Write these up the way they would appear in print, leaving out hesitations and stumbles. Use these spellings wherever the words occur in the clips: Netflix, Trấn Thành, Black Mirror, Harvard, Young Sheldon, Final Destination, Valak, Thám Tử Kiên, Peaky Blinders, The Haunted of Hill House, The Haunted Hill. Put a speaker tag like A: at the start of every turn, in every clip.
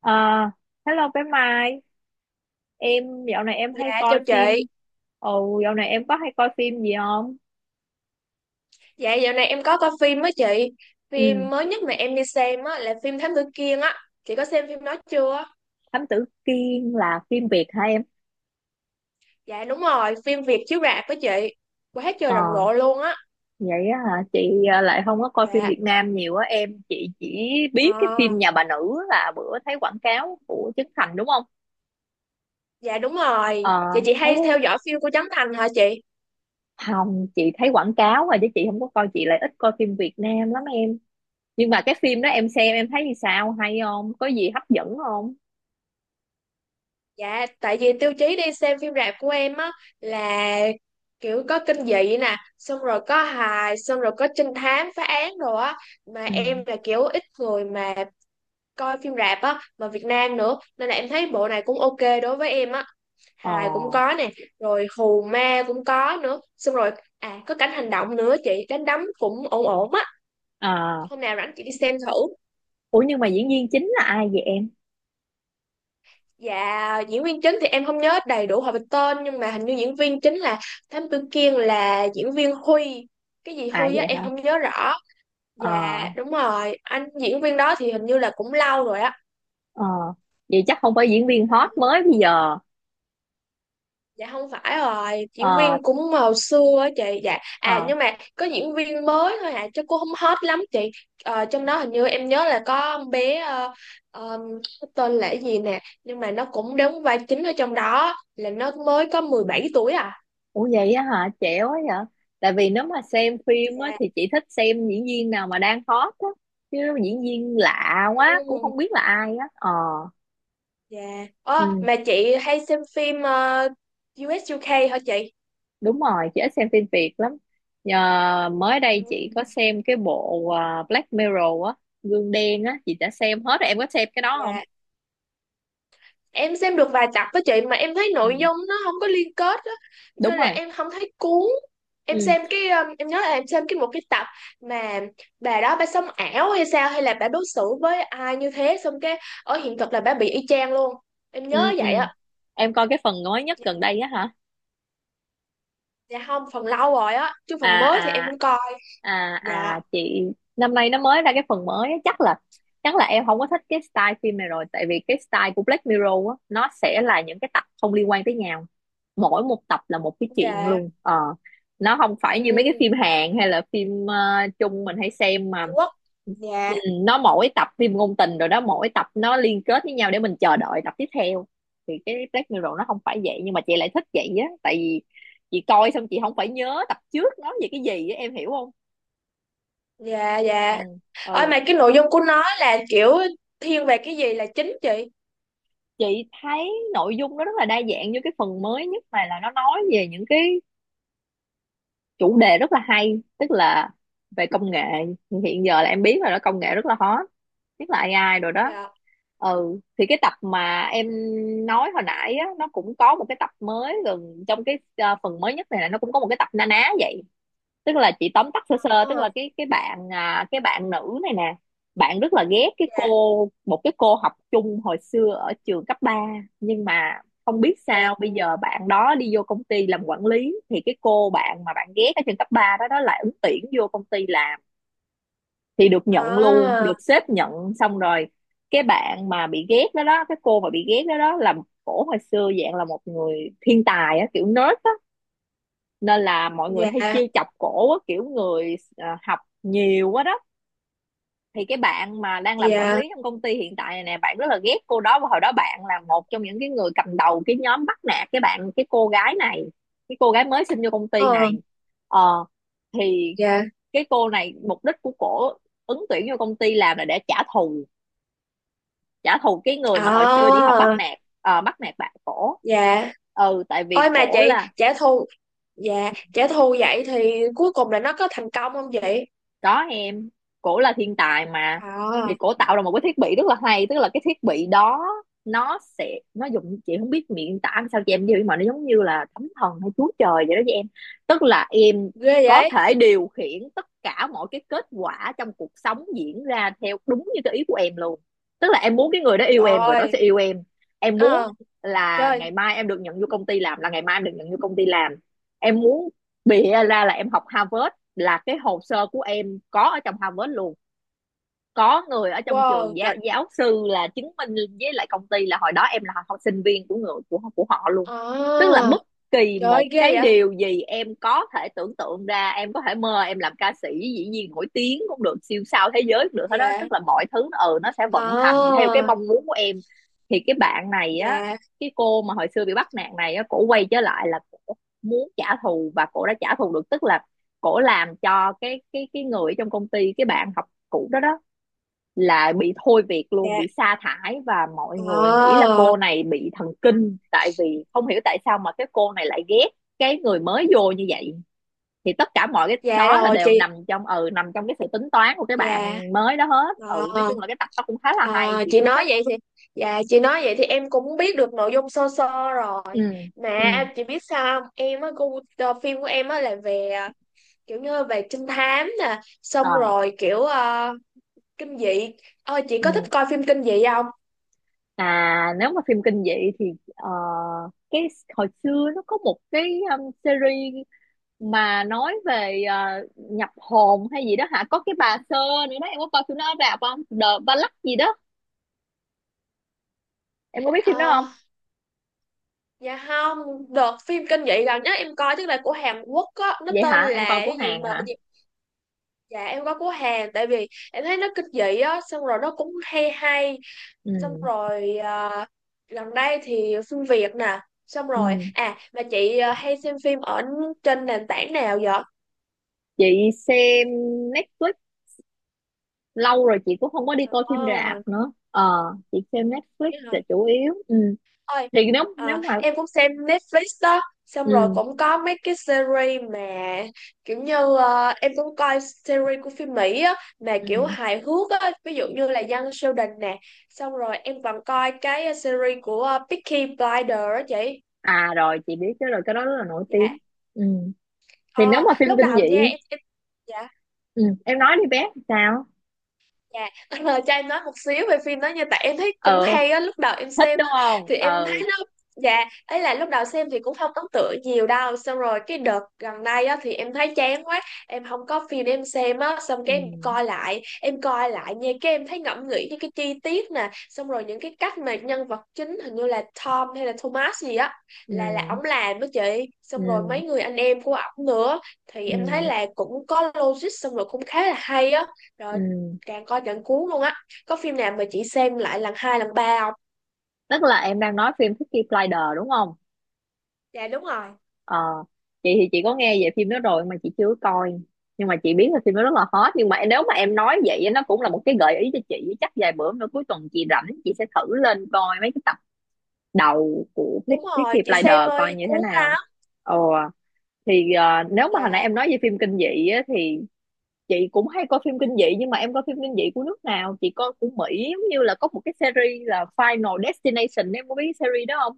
A: Ờ, Hello bé Mai, em dạo này em hay
B: Dạ chào
A: coi
B: chị.
A: phim. Ồ, dạo này em có hay coi phim gì không?
B: Dạ dạo này em có coi phim á chị.
A: Ừ,
B: Phim mới nhất mà em đi xem á là phim Thám Tử Kiên á. Chị có xem phim đó chưa?
A: Thám Tử Kiên là phim Việt hả em?
B: Dạ đúng rồi, phim Việt chiếu rạp với chị. Quá
A: Ờ,
B: trời rầm rộ luôn á.
A: vậy á hả? Chị lại không có coi phim
B: Dạ,
A: Việt Nam nhiều á em. Chị chỉ biết
B: ờ,
A: cái phim Nhà bà nữ là bữa thấy quảng cáo của Trấn Thành đúng không?
B: dạ đúng rồi.
A: Ờ,
B: Dạ chị
A: thấy
B: hay theo dõi phim của Trấn Thành hả chị?
A: không, chị thấy quảng cáo rồi chứ chị không có coi, chị lại ít coi phim Việt Nam lắm em. Nhưng mà cái phim đó em xem em thấy như sao? Hay không? Có gì hấp dẫn không?
B: Dạ, tại vì tiêu chí đi xem phim rạp của em á là kiểu có kinh dị nè. Xong rồi có hài, xong rồi có trinh thám, phá án rồi á. Mà
A: Ừ.
B: em là kiểu ít người mà coi phim rạp á mà Việt Nam nữa nên là em thấy bộ này cũng ok đối với em á.
A: Ờ.
B: Hài cũng có nè, rồi hù ma cũng có nữa, xong rồi à có cảnh hành động nữa, chị đánh đấm cũng ổn ổn á.
A: À,
B: Hôm nào rảnh chị đi xem thử.
A: ủa nhưng mà diễn viên chính là ai vậy em?
B: Dạ diễn viên chính thì em không nhớ đầy đủ họ về tên nhưng mà hình như diễn viên chính là Thám Tử Kiên là diễn viên Huy, cái gì
A: À
B: Huy á
A: vậy hả?
B: em không nhớ rõ.
A: Ờ,
B: Dạ đúng rồi, anh diễn viên đó thì hình như là cũng lâu rồi á. Ừ,
A: ờ. Vậy chắc không phải diễn viên hot mới bây giờ.
B: dạ không phải rồi, diễn
A: Ờ,
B: viên cũng hồi xưa á chị. Dạ
A: ờ.
B: à nhưng mà có diễn viên mới thôi à chứ cô không hot lắm chị. Ờ, trong đó hình như em nhớ là có con bé ờ, cái tên là cái gì nè, nhưng mà nó cũng đóng vai chính ở trong đó, là nó mới có 17 tuổi à.
A: Ủa vậy á hả? Trẻ quá vậy. Tại vì nếu mà xem phim á
B: Dạ.
A: thì chị thích xem diễn viên nào mà đang hot á. Chứ diễn viên lạ quá cũng
B: Ừ,
A: không biết là ai á. Ờ,
B: dạ. Ơ,
A: ừ,
B: mà chị hay xem phim ờ, u UK hả chị?
A: đúng rồi, chị ít xem phim Việt lắm. Nhờ mới
B: Ừ,
A: đây chị có xem cái bộ Black Mirror á, gương đen á, chị đã xem hết rồi. Em có xem cái đó không?
B: dạ em xem được vài tập với chị mà em thấy
A: Ừ,
B: nội dung nó không có liên kết á,
A: đúng
B: nên là
A: rồi.
B: em không thấy cuốn. Em
A: Ừ.
B: xem cái em nhớ là em xem cái một cái tập mà bà đó bà sống ảo hay sao, hay là bà đối xử với ai như thế, xong cái ở hiện thực là bà bị y chang luôn. Em
A: Ừ
B: nhớ
A: ừ,
B: vậy á.
A: em coi cái phần mới nhất
B: Dạ.
A: gần đây á hả?
B: Dạ không, phần lâu rồi á chứ
A: À
B: phần mới thì em
A: à
B: không coi.
A: à
B: Dạ.
A: à, chị năm nay nó mới ra cái phần mới á, chắc là em không có thích cái style phim này rồi, tại vì cái style của Black Mirror á, nó sẽ là những cái tập không liên quan tới nhau, mỗi một tập là một cái chuyện
B: Dạ.
A: luôn ờ nó không phải
B: Ừ.
A: như mấy cái phim Hàn hay là phim Trung mình hay xem mà,
B: Trung Quốc.
A: ừ,
B: Dạ.
A: nó mỗi tập phim ngôn tình rồi đó, mỗi tập nó liên kết với nhau để mình chờ đợi tập tiếp theo. Thì cái Black Mirror nó không phải vậy, nhưng mà chị lại thích vậy á, tại vì chị coi xong chị không phải nhớ tập trước nói về cái gì á, em hiểu không?
B: dạ
A: Ừ
B: dạ ôi
A: ừ.
B: mà cái nội dung của nó là kiểu thiên về cái gì là chính chị?
A: Chị thấy nội dung nó rất là đa dạng, như cái phần mới nhất này là nó nói về những cái chủ đề rất là hay, tức là về công nghệ hiện giờ, là em biết rồi đó, công nghệ rất là hot, nhất là AI rồi đó.
B: Dạ.
A: Ừ, thì cái tập mà em nói hồi nãy á, nó cũng có một cái tập mới gần trong cái phần mới nhất này, là nó cũng có một cái tập na ná vậy. Tức là chị tóm tắt sơ sơ, tức là
B: Ờ,
A: cái bạn nữ này nè, bạn rất là ghét
B: dạ.
A: cái cô học chung hồi xưa ở trường cấp ba, nhưng mà không biết
B: Dạ.
A: sao bây giờ bạn đó đi vô công ty làm quản lý, thì cái cô bạn mà bạn ghét ở trường cấp 3 đó đó lại ứng tuyển vô công ty làm thì được nhận luôn, được
B: À.
A: sếp nhận. Xong rồi cái bạn mà bị ghét đó đó, cái cô mà bị ghét đó đó là, cổ hồi xưa dạng là một người thiên tài á, kiểu nerd á, nên là mọi người
B: Dạ.
A: hay chiêu chọc cổ á, kiểu người học nhiều quá đó. Thì cái bạn mà đang làm quản
B: Dạ.
A: lý trong công ty hiện tại này nè, bạn rất là ghét cô đó, và hồi đó bạn là một trong những cái người cầm đầu cái nhóm bắt nạt cái cô gái này, cái cô gái mới xin vô công ty
B: Ờ.
A: này ờ thì
B: Dạ.
A: cái cô này, mục đích của cổ ứng tuyển vô công ty làm là để trả thù cái người mà hồi xưa đi học
B: À.
A: bắt nạt, bắt nạt bạn cổ.
B: Dạ.
A: Ừ, tại vì
B: Ôi mà
A: cổ
B: chị,
A: là,
B: trả thù, dạ, trả thù vậy thì cuối cùng là nó có thành công không chị?
A: có em, cổ là thiên tài mà, thì
B: À,
A: cổ tạo ra một cái thiết bị rất là hay, tức là cái thiết bị đó, nó dùng, chị không biết miệng tả làm sao cho em hiểu, nhưng mà nó giống như là thánh thần hay chúa trời vậy đó với em. Tức là em
B: ghê
A: có
B: vậy.
A: thể điều khiển tất cả mọi cái kết quả trong cuộc sống diễn ra theo đúng như cái ý của em luôn. Tức là em muốn cái người đó yêu em, người đó
B: Trời.
A: sẽ yêu em. Em muốn
B: Ờ.
A: là
B: Trời.
A: ngày mai em được nhận vô công ty làm, là ngày mai em được nhận vô công ty làm. Em muốn bịa ra là em học Harvard, là cái hồ sơ của em có ở trong Harvard luôn, có người ở trong
B: Wow,
A: trường giáo,
B: trời.
A: giáo sư là chứng minh với lại công ty là hồi đó em là học sinh viên của người của họ luôn. Tức là
B: À.
A: bất kỳ
B: Trời
A: một
B: ơi, ghê
A: cái
B: vậy.
A: điều gì em có thể tưởng tượng ra, em có thể mơ em làm ca sĩ, dĩ nhiên nổi tiếng cũng được, siêu sao thế giới cũng được hết đó, tức
B: Dạ.
A: là mọi thứ nó sẽ vận hành theo
B: À.
A: cái mong muốn của em. Thì cái bạn này á,
B: Dạ.
A: cái cô mà hồi xưa bị bắt nạt này á, cổ quay trở lại là cổ muốn trả thù, và cổ đã trả thù được. Tức là cổ làm cho cái người trong công ty, cái bạn học cũ đó đó, là bị thôi việc luôn,
B: Dạ.
A: bị sa thải, và mọi người nghĩ là
B: À.
A: cô này bị thần kinh, tại vì không hiểu tại sao mà cái cô này lại ghét cái người mới vô như vậy. Thì tất cả mọi cái
B: Dạ
A: đó là
B: rồi
A: đều
B: chị.
A: nằm trong cái sự tính toán của cái
B: Dạ.
A: bạn mới đó hết. Ừ, nói
B: À.
A: chung là cái tập đó cũng khá là hay,
B: À,
A: chị
B: chị
A: cũng
B: nói
A: thích.
B: vậy thì dạ, chị nói vậy thì em cũng biết được nội dung sơ sơ
A: Ừ.
B: rồi. Mà
A: Ừ.
B: chị biết sao không, em á gu- phim của em á là về kiểu như về trinh thám nè, xong
A: Ờ.
B: rồi kiểu kinh dị. Ờ, chị có thích
A: Ừ.
B: coi phim kinh dị không?
A: À, nếu mà phim kinh dị thì, ờ, cái hồi xưa nó có một cái series mà nói về nhập hồn hay gì đó hả, có cái bà sơ nữa đó, em có coi phim đó rạp không? The Ballad gì đó, em có biết phim đó
B: Ờ,
A: không?
B: dạ không. Đợt phim kinh dị gần nhất em coi tức là của Hàn Quốc á, nó
A: Vậy
B: tên
A: hả, em
B: là
A: coi của
B: cái gì
A: Hàn
B: mà
A: hả?
B: gì. Dạ em có của Hàn, tại vì em thấy nó kinh dị á, xong rồi nó cũng hay hay. Xong
A: Ừ
B: rồi à, gần đây thì phim Việt nè. Xong rồi
A: ừ.
B: à mà chị, à, hay xem phim ở trên nền tảng nào vậy?
A: Chị xem Netflix lâu rồi, chị cũng không có đi coi phim
B: Ờ,
A: rạp nữa ờ chị xem Netflix
B: thế
A: là
B: hả.
A: chủ yếu. Ừ,
B: Ơi.
A: thì nếu nếu
B: À,
A: mà.
B: em cũng xem Netflix đó, xong rồi
A: Ừ
B: cũng có mấy cái series mà kiểu như à, em cũng coi series của phim Mỹ á mà
A: ừ.
B: kiểu hài hước á, ví dụ như là Young Sheldon nè. Xong rồi em còn coi cái series của Peaky Blinders á chị.
A: À, rồi chị biết cái rồi, cái đó rất là nổi
B: Dạ.
A: tiếng. Ừ, thì nếu
B: Ờ,
A: mà phim
B: lúc
A: kinh
B: đầu nha
A: dị.
B: em dạ.
A: Ừ, em nói đi bé sao?
B: Dạ, cho em nói một xíu về phim đó nha. Tại em thấy cũng
A: Ờ,
B: hay á, lúc đầu em
A: thích
B: xem
A: đúng
B: á.
A: không?
B: Thì em thấy
A: Ờ.
B: nó, dạ ấy là lúc đầu xem thì cũng không ấn tượng nhiều đâu. Xong rồi cái đợt gần đây á thì em thấy chán quá. Em không có phim để em xem á. Xong
A: Ừ.
B: cái em coi lại nha. Cái em thấy ngẫm nghĩ những cái chi tiết nè. Xong rồi những cái cách mà nhân vật chính hình như là Tom hay là Thomas gì á,
A: Ừ.
B: là ổng làm đó chị. Xong rồi
A: Ừ.
B: mấy người anh em của ổng nữa. Thì em thấy
A: Ừ.
B: là cũng có logic, xong rồi cũng khá là hay á. Rồi.
A: Ừ.
B: Càng coi càng cuốn luôn á. Có phim nào mà chị xem lại lần hai lần ba không?
A: Tức là em đang nói phim Peaky Blinders đúng không?
B: Dạ đúng rồi.
A: Ờ, chị thì chị có nghe về phim đó rồi mà chị chưa coi, nhưng mà chị biết là phim đó rất là hot. Nhưng mà nếu mà em nói vậy á, nó cũng là một cái gợi ý cho chị, chắc vài bữa nữa cuối tuần chị rảnh, chị sẽ thử lên coi mấy cái tập đầu của
B: Đúng rồi,
A: Peaky
B: chị xem
A: Blinders coi
B: ơi
A: như thế
B: cuốn
A: nào.
B: lắm.
A: Ờ, thì nếu mà hồi nãy
B: Dạ.
A: em nói về phim kinh dị á, thì chị cũng hay coi phim kinh dị, nhưng mà em coi phim kinh dị của nước nào? Chị coi của Mỹ, giống như là có một cái series là Final Destination, em có biết cái series đó không?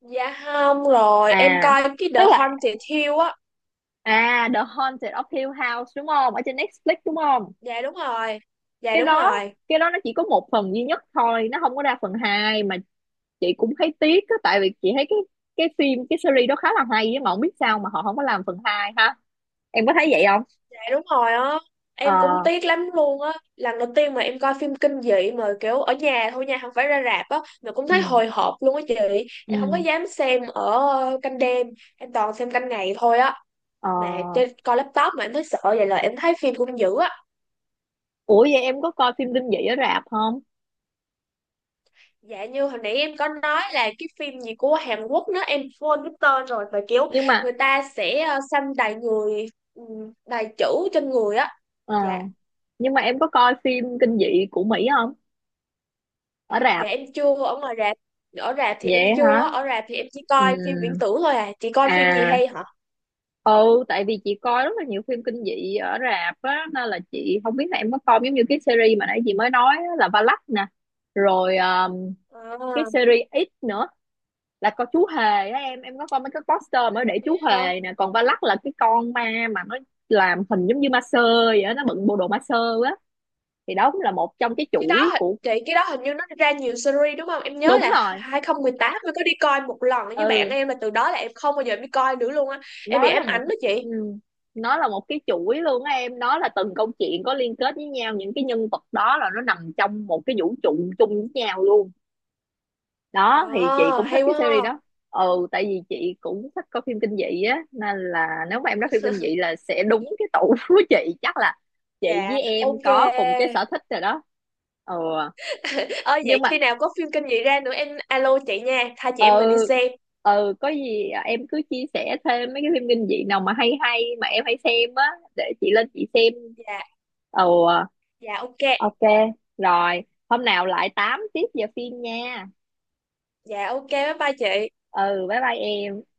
B: Dạ không rồi, em
A: À,
B: coi cái
A: tức
B: The
A: là
B: Haunted Hill á.
A: The Haunted of Hill House đúng không, ở trên Netflix đúng không?
B: Dạ đúng rồi. Dạ
A: cái
B: đúng
A: đó
B: rồi.
A: cái đó nó chỉ có một phần duy nhất thôi, nó không có ra phần hai, mà chị cũng thấy tiếc á, tại vì chị thấy cái phim, cái series đó khá là hay á, mà không biết sao mà họ không có làm phần hai ha, em có thấy vậy không?
B: Dạ đúng rồi á. Em cũng
A: Ờ.
B: tiếc lắm luôn á. Lần đầu tiên mà em coi phim kinh dị mà kiểu ở nhà thôi nha, không phải ra rạp á, mà cũng thấy
A: Ừ.
B: hồi hộp luôn á chị. Em không có
A: Ừ.
B: dám xem ở canh đêm, em toàn xem canh ngày thôi á.
A: Ờ.
B: Mà trên coi laptop mà em thấy sợ vậy là em thấy phim cũng dữ á.
A: Ủa vậy em có coi phim kinh dị ở rạp không?
B: Dạ như hồi nãy em có nói là cái phim gì của Hàn Quốc, nữa em quên cái tên rồi, và kiểu
A: nhưng mà
B: người ta sẽ xăm đầy người, đầy chữ trên người á.
A: Ờ,
B: Dạ.
A: nhưng mà em có coi phim kinh dị của Mỹ không? Ở rạp.
B: Dạ em chưa ở ngoài rạp, ở rạp thì
A: Vậy
B: em chưa
A: hả?
B: á. Ở rạp thì em chỉ coi phim viễn
A: Ừm,
B: tưởng thôi à. Chị coi phim gì
A: À,
B: hay hả?
A: ừ, tại vì chị coi rất là nhiều phim kinh dị ở rạp á, nên là chị không biết là em có coi giống như cái series mà nãy chị mới nói á, là Valak nè. Rồi cái
B: À,
A: series X nữa, là con chú hề á, em có coi mấy cái poster mới để
B: thế
A: chú
B: hả.
A: hề nè, còn Valak là cái con ma mà nó làm hình giống như ma sơ vậy á, nó bận bộ đồ ma sơ á, thì đó cũng là một trong cái
B: Cái đó
A: chuỗi
B: hình-
A: của.
B: chị cái đó hình như nó ra nhiều series đúng không? Em nhớ
A: Đúng
B: là
A: rồi.
B: 2018 mới có đi coi một lần với bạn
A: Ừ,
B: em mà từ đó là em không bao giờ em đi coi nữa luôn á. Em bị
A: nó là
B: ám
A: một
B: ảnh đó chị.
A: ừ, nó là một cái chuỗi luôn á em, nó là từng câu chuyện có liên kết với nhau, những cái nhân vật đó là nó nằm trong một cái vũ trụ chung với nhau luôn đó, thì chị
B: À,
A: cũng thích
B: hay
A: cái
B: quá
A: series
B: ha.
A: đó. Ừ, tại vì chị cũng thích coi phim kinh dị á, nên là nếu mà em nói phim kinh dị là sẽ đúng cái tủ của chị, chắc là chị
B: Dạ,
A: với em
B: ok.
A: có cùng cái sở thích rồi đó. Ừ,
B: Ơ
A: nhưng
B: vậy
A: mà,
B: khi nào có phim kinh dị ra nữa em alo chị nha, hai chị
A: ừ
B: em mình đi xem.
A: ừ, có gì em cứ chia sẻ thêm mấy cái phim kinh dị nào mà hay hay mà em hay xem á, để chị lên chị xem.
B: Dạ,
A: Ừ. Ờ,
B: dạ ok.
A: ok, rồi hôm nào lại tám tiếp giờ phim nha.
B: Dạ ok, bye bye chị.
A: Ừ, bye bye em.